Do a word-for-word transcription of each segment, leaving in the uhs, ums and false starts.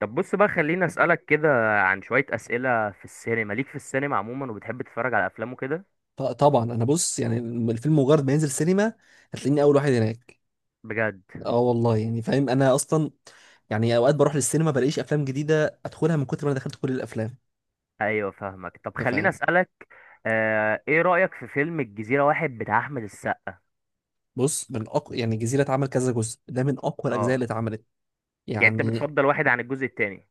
طب بص بقى، خليني اسالك كده عن شويه اسئله في السينما ليك. في السينما عموما، وبتحب تتفرج على افلام وكده؟ ط- طبعا انا بص يعني الفيلم مجرد ما ينزل سينما هتلاقيني اول واحد هناك. بجد؟ اه والله يعني فاهم انا اصلا، يعني اوقات بروح للسينما بلاقيش افلام جديده ادخلها من كتر ما انا دخلت كل الافلام. ايوه فاهمك. طب انت خليني فاهم؟ اسالك، آه ايه رايك في فيلم الجزيره واحد بتاع احمد السقا؟ بص، من اقوى، يعني الجزيره اتعمل كذا جزء، ده من اقوى الاجزاء اه، اللي اتعملت يعني انت يعني. بتفضل واحد عن الجزء التاني؟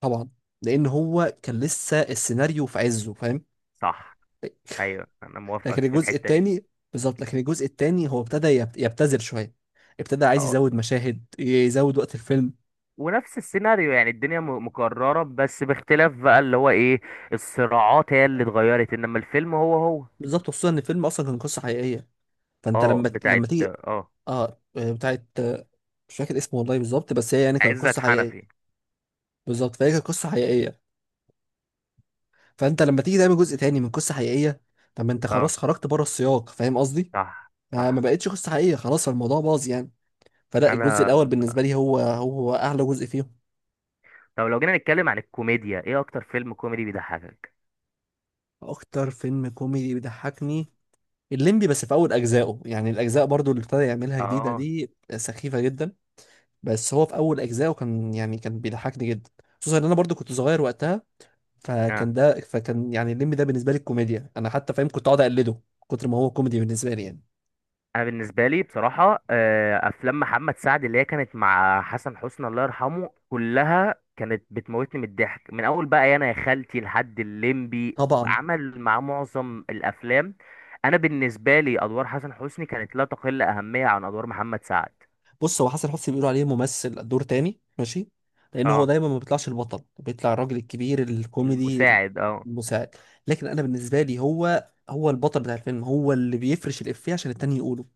طبعا، لان هو كان لسه السيناريو في عزه فاهم. صح. ايوه انا لكن موافقك في الجزء الحته دي. الثاني بالظبط، لكن الجزء الثاني هو ابتدى يبت- يبتذل شويه، ابتدى عايز اه. يزود مشاهد، يزود وقت الفيلم. ونفس السيناريو، يعني الدنيا م- مكرره، بس باختلاف بقى اللي هو ايه؟ الصراعات هي اللي اتغيرت، انما الفيلم هو هو. بالظبط، خصوصا ان الفيلم اصلا كان قصه حقيقيه، فانت اه لما ت- بتاعت، لما تيجي اه اه آه، بتاعت آه، مش فاكر اسمه والله بالظبط، بس هي يعني كانت عزت قصه حقيقيه. حنفي. بالظبط، فهي كانت قصه حقيقيه، فانت لما تيجي تعمل جزء تاني من قصه حقيقيه، طب ما انت اه. خلاص خرجت بره السياق فاهم قصدي؟ صح ما ما صح. بقتش قصه حقيقيه، خلاص الموضوع باظ يعني. فلا، الجزء انا الاول بالنسبه لي هو هو اعلى جزء فيهم. طب لو جينا نتكلم عن الكوميديا، ايه اكتر فيلم كوميدي بيضحكك؟ اكتر فيلم كوميدي بيضحكني الليمبي، بس في اول اجزائه، يعني الاجزاء برضو اللي ابتدى يعملها جديده اه دي سخيفه جدا، بس هو في اول اجزائه كان يعني كان بيضحكني جدا. خصوصا ان انا برضو كنت صغير وقتها، اه. فكان ده فكان يعني الليمبي ده بالنسبه لي الكوميديا، انا حتى فاهم كنت اقعد اقلده من كتر ما هو كوميدي بالنسبه لي يعني. انا بالنسبه لي بصراحه، آه، افلام محمد سعد اللي هي كانت مع حسن حسني الله يرحمه، كلها كانت بتموتني من الضحك، من اول بقى انا يا خالتي لحد الليمبي، طبعا. عمل مع معظم الافلام. انا بالنسبه لي ادوار حسن حسني كانت لا تقل اهميه عن ادوار محمد سعد. بص، هو حسن حسني بيقولوا عليه ممثل دور تاني ماشي، لان هو اه، دايما ما بيطلعش البطل، بيطلع الراجل الكبير الكوميدي. المساعد. اه المساعد، لكن انا بالنسبه لي هو هو البطل بتاع الفيلم، هو اللي بيفرش الافيه عشان التاني يقوله،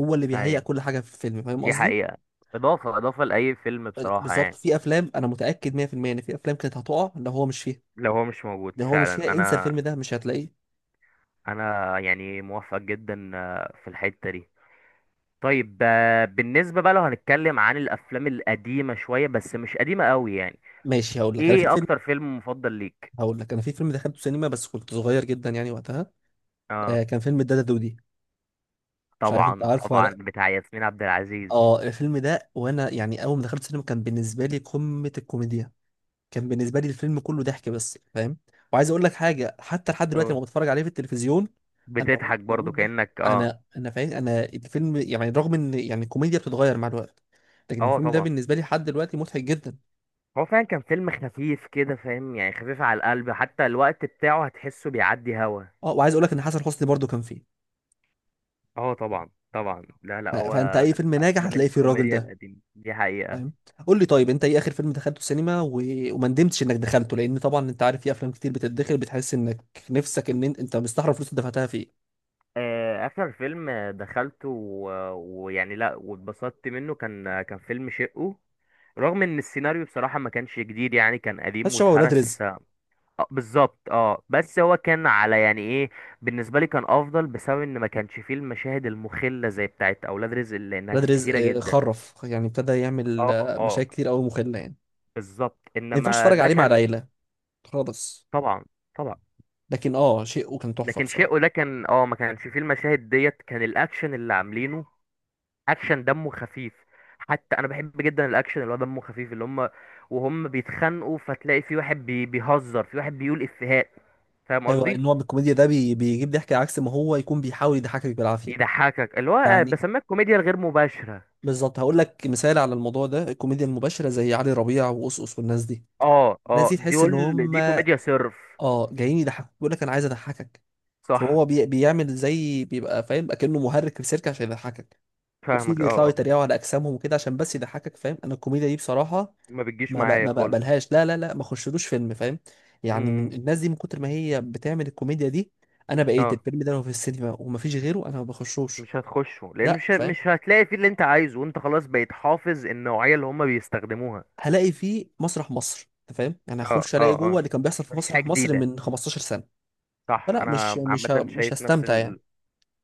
هو اللي بيهيئ ايوه، كل حاجه في الفيلم فاهم دي قصدي؟ حقيقه، اضافه اضافه لاي فيلم أه، لا، بصراحه بالظبط، يعني. في افلام انا متاكد مية في المية ان في افلام كانت هتقع لو هو مش فيها. لو هو مش موجود لو هو مش فعلا. فيها انسى انا الفيلم ده مش هتلاقيه. انا يعني موافق جدا، آه، في الحتة دي. طيب آه، بالنسبة بقى لو هنتكلم عن الافلام القديمة شوية، بس مش قديمة قوي يعني، ماشي، هقول لك انا في ايه فيلم، اكتر فيلم مفضل ليك؟ هقول لك انا في فيلم دخلته سينما بس كنت صغير جدا يعني وقتها. اه آه، كان فيلم الدادا دودي، مش عارف انت طبعا عارفه ولا طبعا، لأ. بتاع ياسمين عبد العزيز. اه الفيلم ده، وانا يعني اول ما دخلت السينما كان بالنسبه لي قمه الكوميديا، كان بالنسبه لي الفيلم كله ضحك بس فاهم. وعايز اقول لك حاجه، حتى لحد دلوقتي اه لما بتفرج عليه في التلفزيون انا بموت بتضحك بموت برضو ضحك، كأنك اه. انا انا فاهم، انا الفيلم يعني رغم ان يعني الكوميديا بتتغير مع الوقت، لكن اه الفيلم ده طبعا. بالنسبه لي لحد دلوقتي مضحك جدا. هو فعلا كان فيلم خفيف كده، فاهم يعني، خفيف على القلب، حتى الوقت بتاعه هتحسه بيعدي هوا. اه، وعايز اقول لك ان حسن حسني برضو كان فيه، اه طبعا طبعا، لا ف- لا، هو فانت اي فيلم ناجح افلام هتلاقي فيه الراجل الكوميديا ده القديمة دي حقيقة. فاهم. قول لي طيب، انت ايه اخر فيلم دخلته السينما و... وما ندمتش انك دخلته، لان طبعا انت عارف في افلام كتير بتتدخل بتحس انك نفسك ان انت, انت مستحرم فلوس اللي دفعتها فيه. آه، اخر فيلم دخلته و- ويعني لا، واتبسطت منه، كان كان فيلم شقه. رغم ان السيناريو بصراحة ما كانش جديد، يعني كان بس قديم شبه ولاد رزق. واتهرس، آه، بالظبط. اه بس هو كان على يعني ايه، بالنسبة لي كان افضل بسبب ان ما كانش فيه المشاهد المخلة زي بتاعت اولاد رزق اللي انها ولاد كانت رزق كتيرة آه، جدا. خرف يعني، ابتدى يعمل اه آه، اه مشاكل كتير قوي مخله يعني. بالظبط. ما ينفعش انما اتفرج ده عليه مع كان العيله خالص. طبعا طبعا، لكن اه شيء وكان تحفه لكن بصراحه. شقه ده كان اه، ما كانش فيه المشاهد ديت، كان الاكشن اللي عاملينه اكشن دمه خفيف. حتى انا بحب جدا الاكشن اللي هو دمه خفيف، اللي هم وهم بيتخانقوا فتلاقي في واحد بي... بيهزر في واحد بيقول افيهات، فاهم ايوه، قصدي. النوع من الكوميديا ده بي... بيجيب ضحك عكس ما هو يكون بيحاول يضحكك بالعافيه يضحكك اللي هو، آه، يعني. بسميها الكوميديا الغير مباشرة. بالظبط، هقول لك مثال على الموضوع ده، الكوميديا المباشره زي علي ربيع وقصقص والناس دي، اه الناس اه، دي دي تحس ان قول، هم دي كوميديا صرف. اه جايين يضحكوك، بيقول لك انا عايز اضحكك، صح فهو بي... بيعمل زي بيبقى فاهم اكنه مهرج في السيرك عشان يضحكك، وفي فاهمك. اه اللي يطلعوا اه، يتريقوا على اجسامهم وكده عشان بس يضحكك فاهم. انا الكوميديا دي بصراحه ما بتجيش ما ب... معايا ما خالص. بقبلهاش، لا لا لا ما خشلوش فيلم فاهم يعني من امم. الناس دي، من كتر ما هي بتعمل الكوميديا دي، انا بقيت اه، الفيلم ده لو في السينما ومفيش غيره انا ما بخشوش. مش هتخشه، لان لا مش ه- فاهم، مش هتلاقي فيه اللي انت عايزه، وانت خلاص بقيت حافظ النوعية اللي هم بيستخدموها. هلاقي فيه مسرح مصر انت فاهم، يعني اه هخش الاقي اه جوه اه، اللي كان بيحصل في مفيش حاجة مسرح مصر جديدة. من خمسة عشر سنه، صح، فلا مش انا مش ه... عامة مش شايف نفس هستمتع يعني. ال.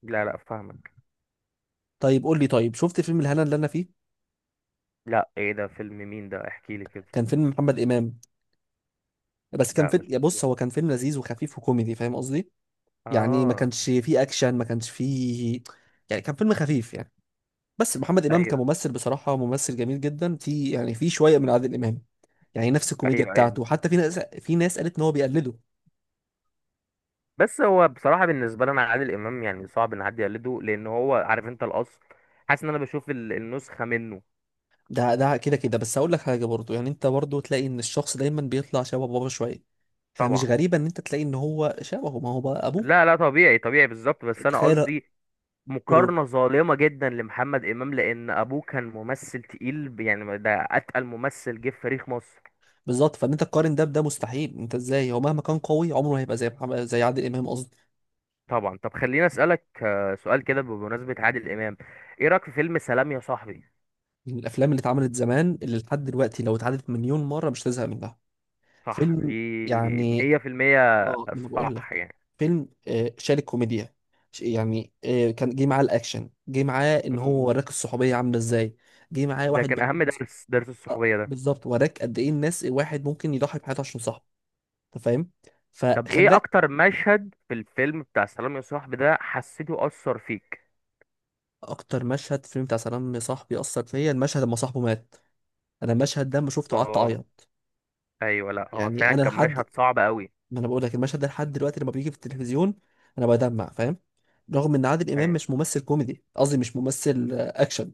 لا لا فاهمك. طيب قول لي، طيب شفت فيلم الهنا اللي انا فيه؟ لا، ايه ده فيلم مين ده؟ احكي لي كده. كان فيلم محمد امام، بس كان ده فيلم، مش يا بص مشهور. هو كان فيلم لذيذ وخفيف وكوميدي فاهم قصدي، يعني ما اه. كانش فيه اكشن، ما كانش فيه، يعني كان فيلم خفيف يعني. بس محمد امام ايوه كممثل بصراحه ممثل جميل جدا، في يعني في شويه من عادل امام، يعني نفس الكوميديا ايوه ايوه. بتاعته، حتى في ناس، في ناس قالت ان هو بيقلده. بس هو بصراحه بالنسبه لي انا، عادل امام يعني صعب ان حد يقلده، لان هو عارف انت الاصل. حاسس ان انا بشوف ال- النسخه منه. ده ده كده كده، بس هقول لك حاجه برضو، يعني انت برضو تلاقي ان الشخص دايما بيطلع شبه بابا شويه، فمش طبعا. غريبه ان انت تلاقي ان هو شبهه، ما هو بقى ابوه. لا لا، طبيعي طبيعي، بالظبط، بس انا تخيل. قصدي مقارنه ظالمه جدا لمحمد امام، لان ابوه كان ممثل تقيل، ب- يعني ده اتقل ممثل جه في تاريخ مصر. بالظبط، فان انت تقارن ده بده مستحيل، انت ازاي، هو مهما كان قوي عمره ما هيبقى زي محمد، زي عادل امام قصدي. طبعا. طب خليني اسالك آه، سؤال كده بمناسبه عادل امام، ايه رايك في فيلم سلام يا صاحبي؟ من الافلام اللي اتعملت زمان اللي لحد دلوقتي لو اتعادت مليون مره مش تزهق منها. صح، دي فيلم يعني، مية في المية. اه ما انا بقول صح لك. يعني. فيلم آه، شال الكوميديا، ش- يعني آه، كان جه معاه الاكشن، جه معاه ان هو م- وراك الصحوبيه عامله ازاي، جه معاه ده واحد كان بيحب. أهم درس، درس آه، الصحوبية ده. بالظبط، وراك قد ايه الناس، الواحد ممكن يضحي بحياته عشان صاحبه انت فاهم، طب إيه فخلاك. أكتر مشهد في الفيلم بتاع سلام يا صاحبي ده حسيته أثر فيك؟ اكتر مشهد في الفيلم بتاع سلام يا صاحبي اثر فيا المشهد لما صاحبه مات، انا المشهد ده لما شفته قعدت اه اعيط أيوه، لأ هو يعني. فعلا انا كان مشهد لحد، صعب أوي. ما انا بقول لك المشهد ده لحد دلوقتي لما بيجي في التلفزيون انا بدمع فاهم، رغم ان عادل امام أيوه مش ممثل كوميدي، قصدي مش ممثل آه، اكشن،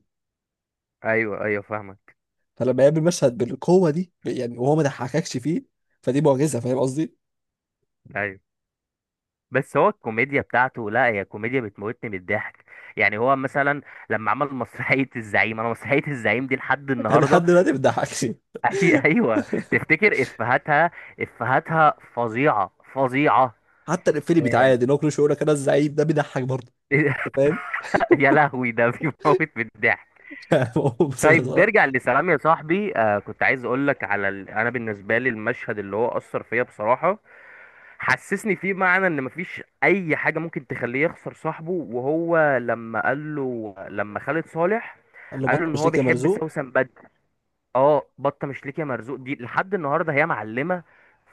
أيوه أيوه فاهمك. فلما يقابل مشهد بالقوه دي ب- يعني وهو ما ضحككش فيه، فدي معجزه فاهم قصدي. أيوه، بس هو الكوميديا بتاعته، لأ هي كوميديا بتموتني من الضحك. يعني هو مثلا لما عمل مسرحية الزعيم، أنا مسرحية الزعيم دي لحد انا النهاردة لحد دلوقتي ما بتضحكش. أي أيوه. تفتكر إفهاتها، إفهاتها فظيعة فظيعة. حتى الافيه اللي آه، بيتعاد ان هو كل شويه يقول لك انا الزعيم، ده بيضحك برضه انت فاهم. يا لهوي، ده بيموت بالضحك. هو مسيس طيب صراحه. نرجع لسلام يا صاحبي، آه كنت عايز اقول لك على ال... انا بالنسبه لي المشهد اللي هو اثر فيا بصراحه، حسسني فيه معنى ان مفيش اي حاجه ممكن تخليه يخسر صاحبه، وهو لما قال له لما خالد صالح قال له قال له بطل ان هو مشيك يا بيحب مرزوق. سوسن. اه، بطه مش ليك يا مرزوق، دي لحد النهارده هي معلمه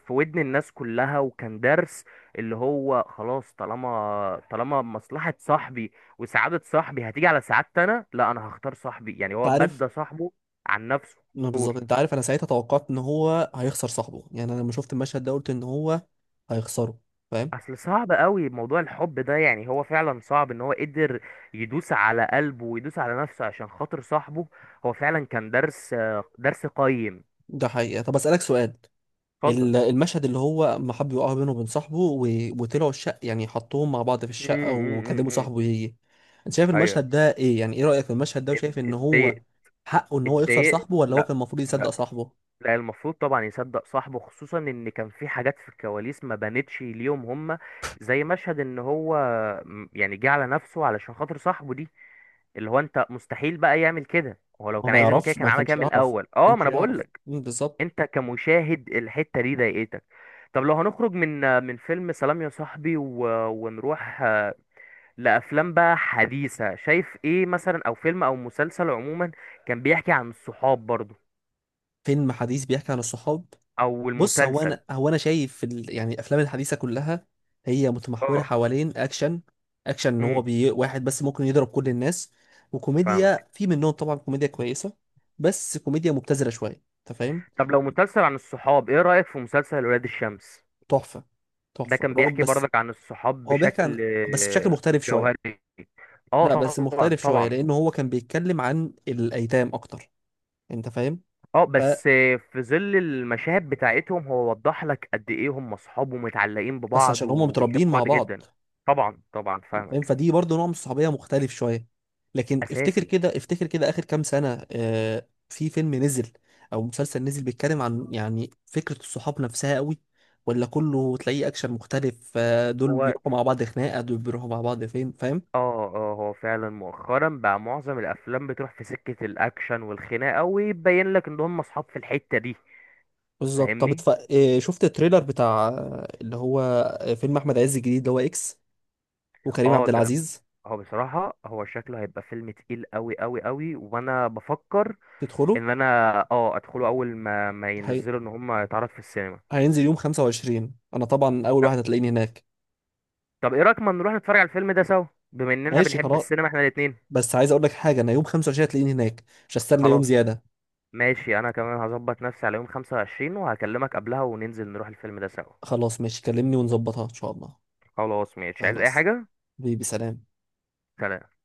في ودن الناس كلها. وكان درس، اللي هو خلاص طالما طالما مصلحه صاحبي وسعاده صاحبي هتيجي على سعادتي انا، لا، انا هختار صاحبي. يعني انت هو عارف، بدى صاحبه عن نفسه. ما قول، بالظبط، انت عارف انا ساعتها توقعت ان هو هيخسر صاحبه، يعني انا لما شفت المشهد ده قلت ان هو هيخسروا فاهم. اصل صعب قوي موضوع الحب ده، يعني هو فعلا صعب ان هو قدر يدوس على قلبه ويدوس على نفسه عشان خاطر صاحبه. هو فعلا كان درس، درس قيم. ده حقيقة. طب أسألك سؤال، اتفضل. ال- المشهد اللي هو ما حب يقع بينه وبين صاحبه و... وطلعوا الشقة، يعني حطوهم مع بعض في الشقة امم امم وكلموا امم. صاحبه يجي، انت شايف المشهد ده ايه، يعني ايه رأيك في المشهد ده، وشايف ان ايوه، هو حقه ان هو يخسر اتضايقت. صاحبه ولا هو لا. كان المفروض يصدق لا. صاحبه؟ لا، المفروض طبعا يصدق صاحبه، خصوصا ان كان في حاجات في الكواليس ما بانتش ليهم هما. زي مشهد ان هو م- يعني جه على نفسه علشان خاطر صاحبه دي، اللي هو انت مستحيل بقى يعمل كده، هو لو هو كان ما عايز يعمل كده يعرفش، كان ما عمل كده كانش من يعرف، الاول. ما اه، ما كانش انا بقول يعرف. لك. مم، بالظبط. انت كمشاهد الحتة دي ضايقتك. طب لو هنخرج من من فيلم سلام يا صاحبي و... ونروح آه، لافلام بقى حديثة، شايف ايه مثلا، او فيلم او مسلسل عموما كان بيحكي عن الصحاب برضه، فيلم حديث بيحكي عن الصحاب؟ او بص، هو المسلسل؟ انا هو انا شايف ال... يعني الافلام الحديثه كلها هي متمحوره اه. حوالين اكشن، اكشن ان هو امم بي... واحد بس ممكن يضرب كل الناس، فاهمك. وكوميديا في منهم، طبعا كوميديا كويسه، بس كوميديا مبتذله شويه انت فاهم. طب لو مسلسل عن الصحاب، ايه رأيك في مسلسل ولاد الشمس؟ تحفه. ده تحفه كان رعب بيحكي بس. برضك عن الصحاب هو بيحكي عن، بشكل بس بشكل آه، مختلف شويه. جوهري. اه لا، بس طبعا مختلف شويه، طبعا. لان هو كان بيتكلم عن الايتام اكتر انت فاهم. اه ف... بس آه، في ظل المشاهد بتاعتهم هو وضح لك قد ايه هم اصحاب ومتعلقين بس ببعض عشان هم متربيين وبيحبوا مع بعض بعض جدا. طبعا طبعا فاهم، فاهمك. فدي برضه نوع من الصحوبيه مختلف شويه. لكن افتكر اساسي. كده، افتكر كده اخر كام سنه آه في فيلم نزل او مسلسل نزل بيتكلم عن يعني فكره الصحاب نفسها قوي، ولا كله تلاقيه اكشن مختلف، آه دول هو بيروحوا مع بعض خناقه، دول بيروحوا مع بعض فين فاهم. اه اه، هو فعلا مؤخرا بقى معظم الافلام بتروح في سكة الاكشن والخناقة، ويبين لك ان هم اصحاب في الحتة دي. بالظبط. طب فاهمني. اتف... آه، شفت التريلر بتاع آه، اللي هو آه، فيلم احمد عز الجديد اللي هو اكس وكريم اه عبد ده. العزيز؟ هو بصراحة، هو شكله هيبقى فيلم تقيل قوي قوي قوي، وانا بفكر تدخله. ان انا اه ادخله اول ما ما هي... ينزلوا، ان هم يتعرض في السينما. هينزل يوم خمسة وعشرين، انا طبعا اول لا. واحد هتلاقيني هناك. طب ايه رأيك ما نروح نتفرج على الفيلم ده سوا، بما اننا ماشي بنحب خلاص، السينما احنا الاتنين. بس عايز اقول لك حاجه، انا يوم خمسة وعشرين هتلاقيني هناك، مش هستنى يوم خلاص زياده. ماشي، انا كمان هظبط نفسي على يوم خمسة وعشرين وهكلمك قبلها وننزل نروح الفيلم ده سوا. خلاص ماشي، كلمني ونظبطها ان شاء الله. خلاص ماشي، عايز اي خلاص. حاجة؟ بيبي، سلام. سلام.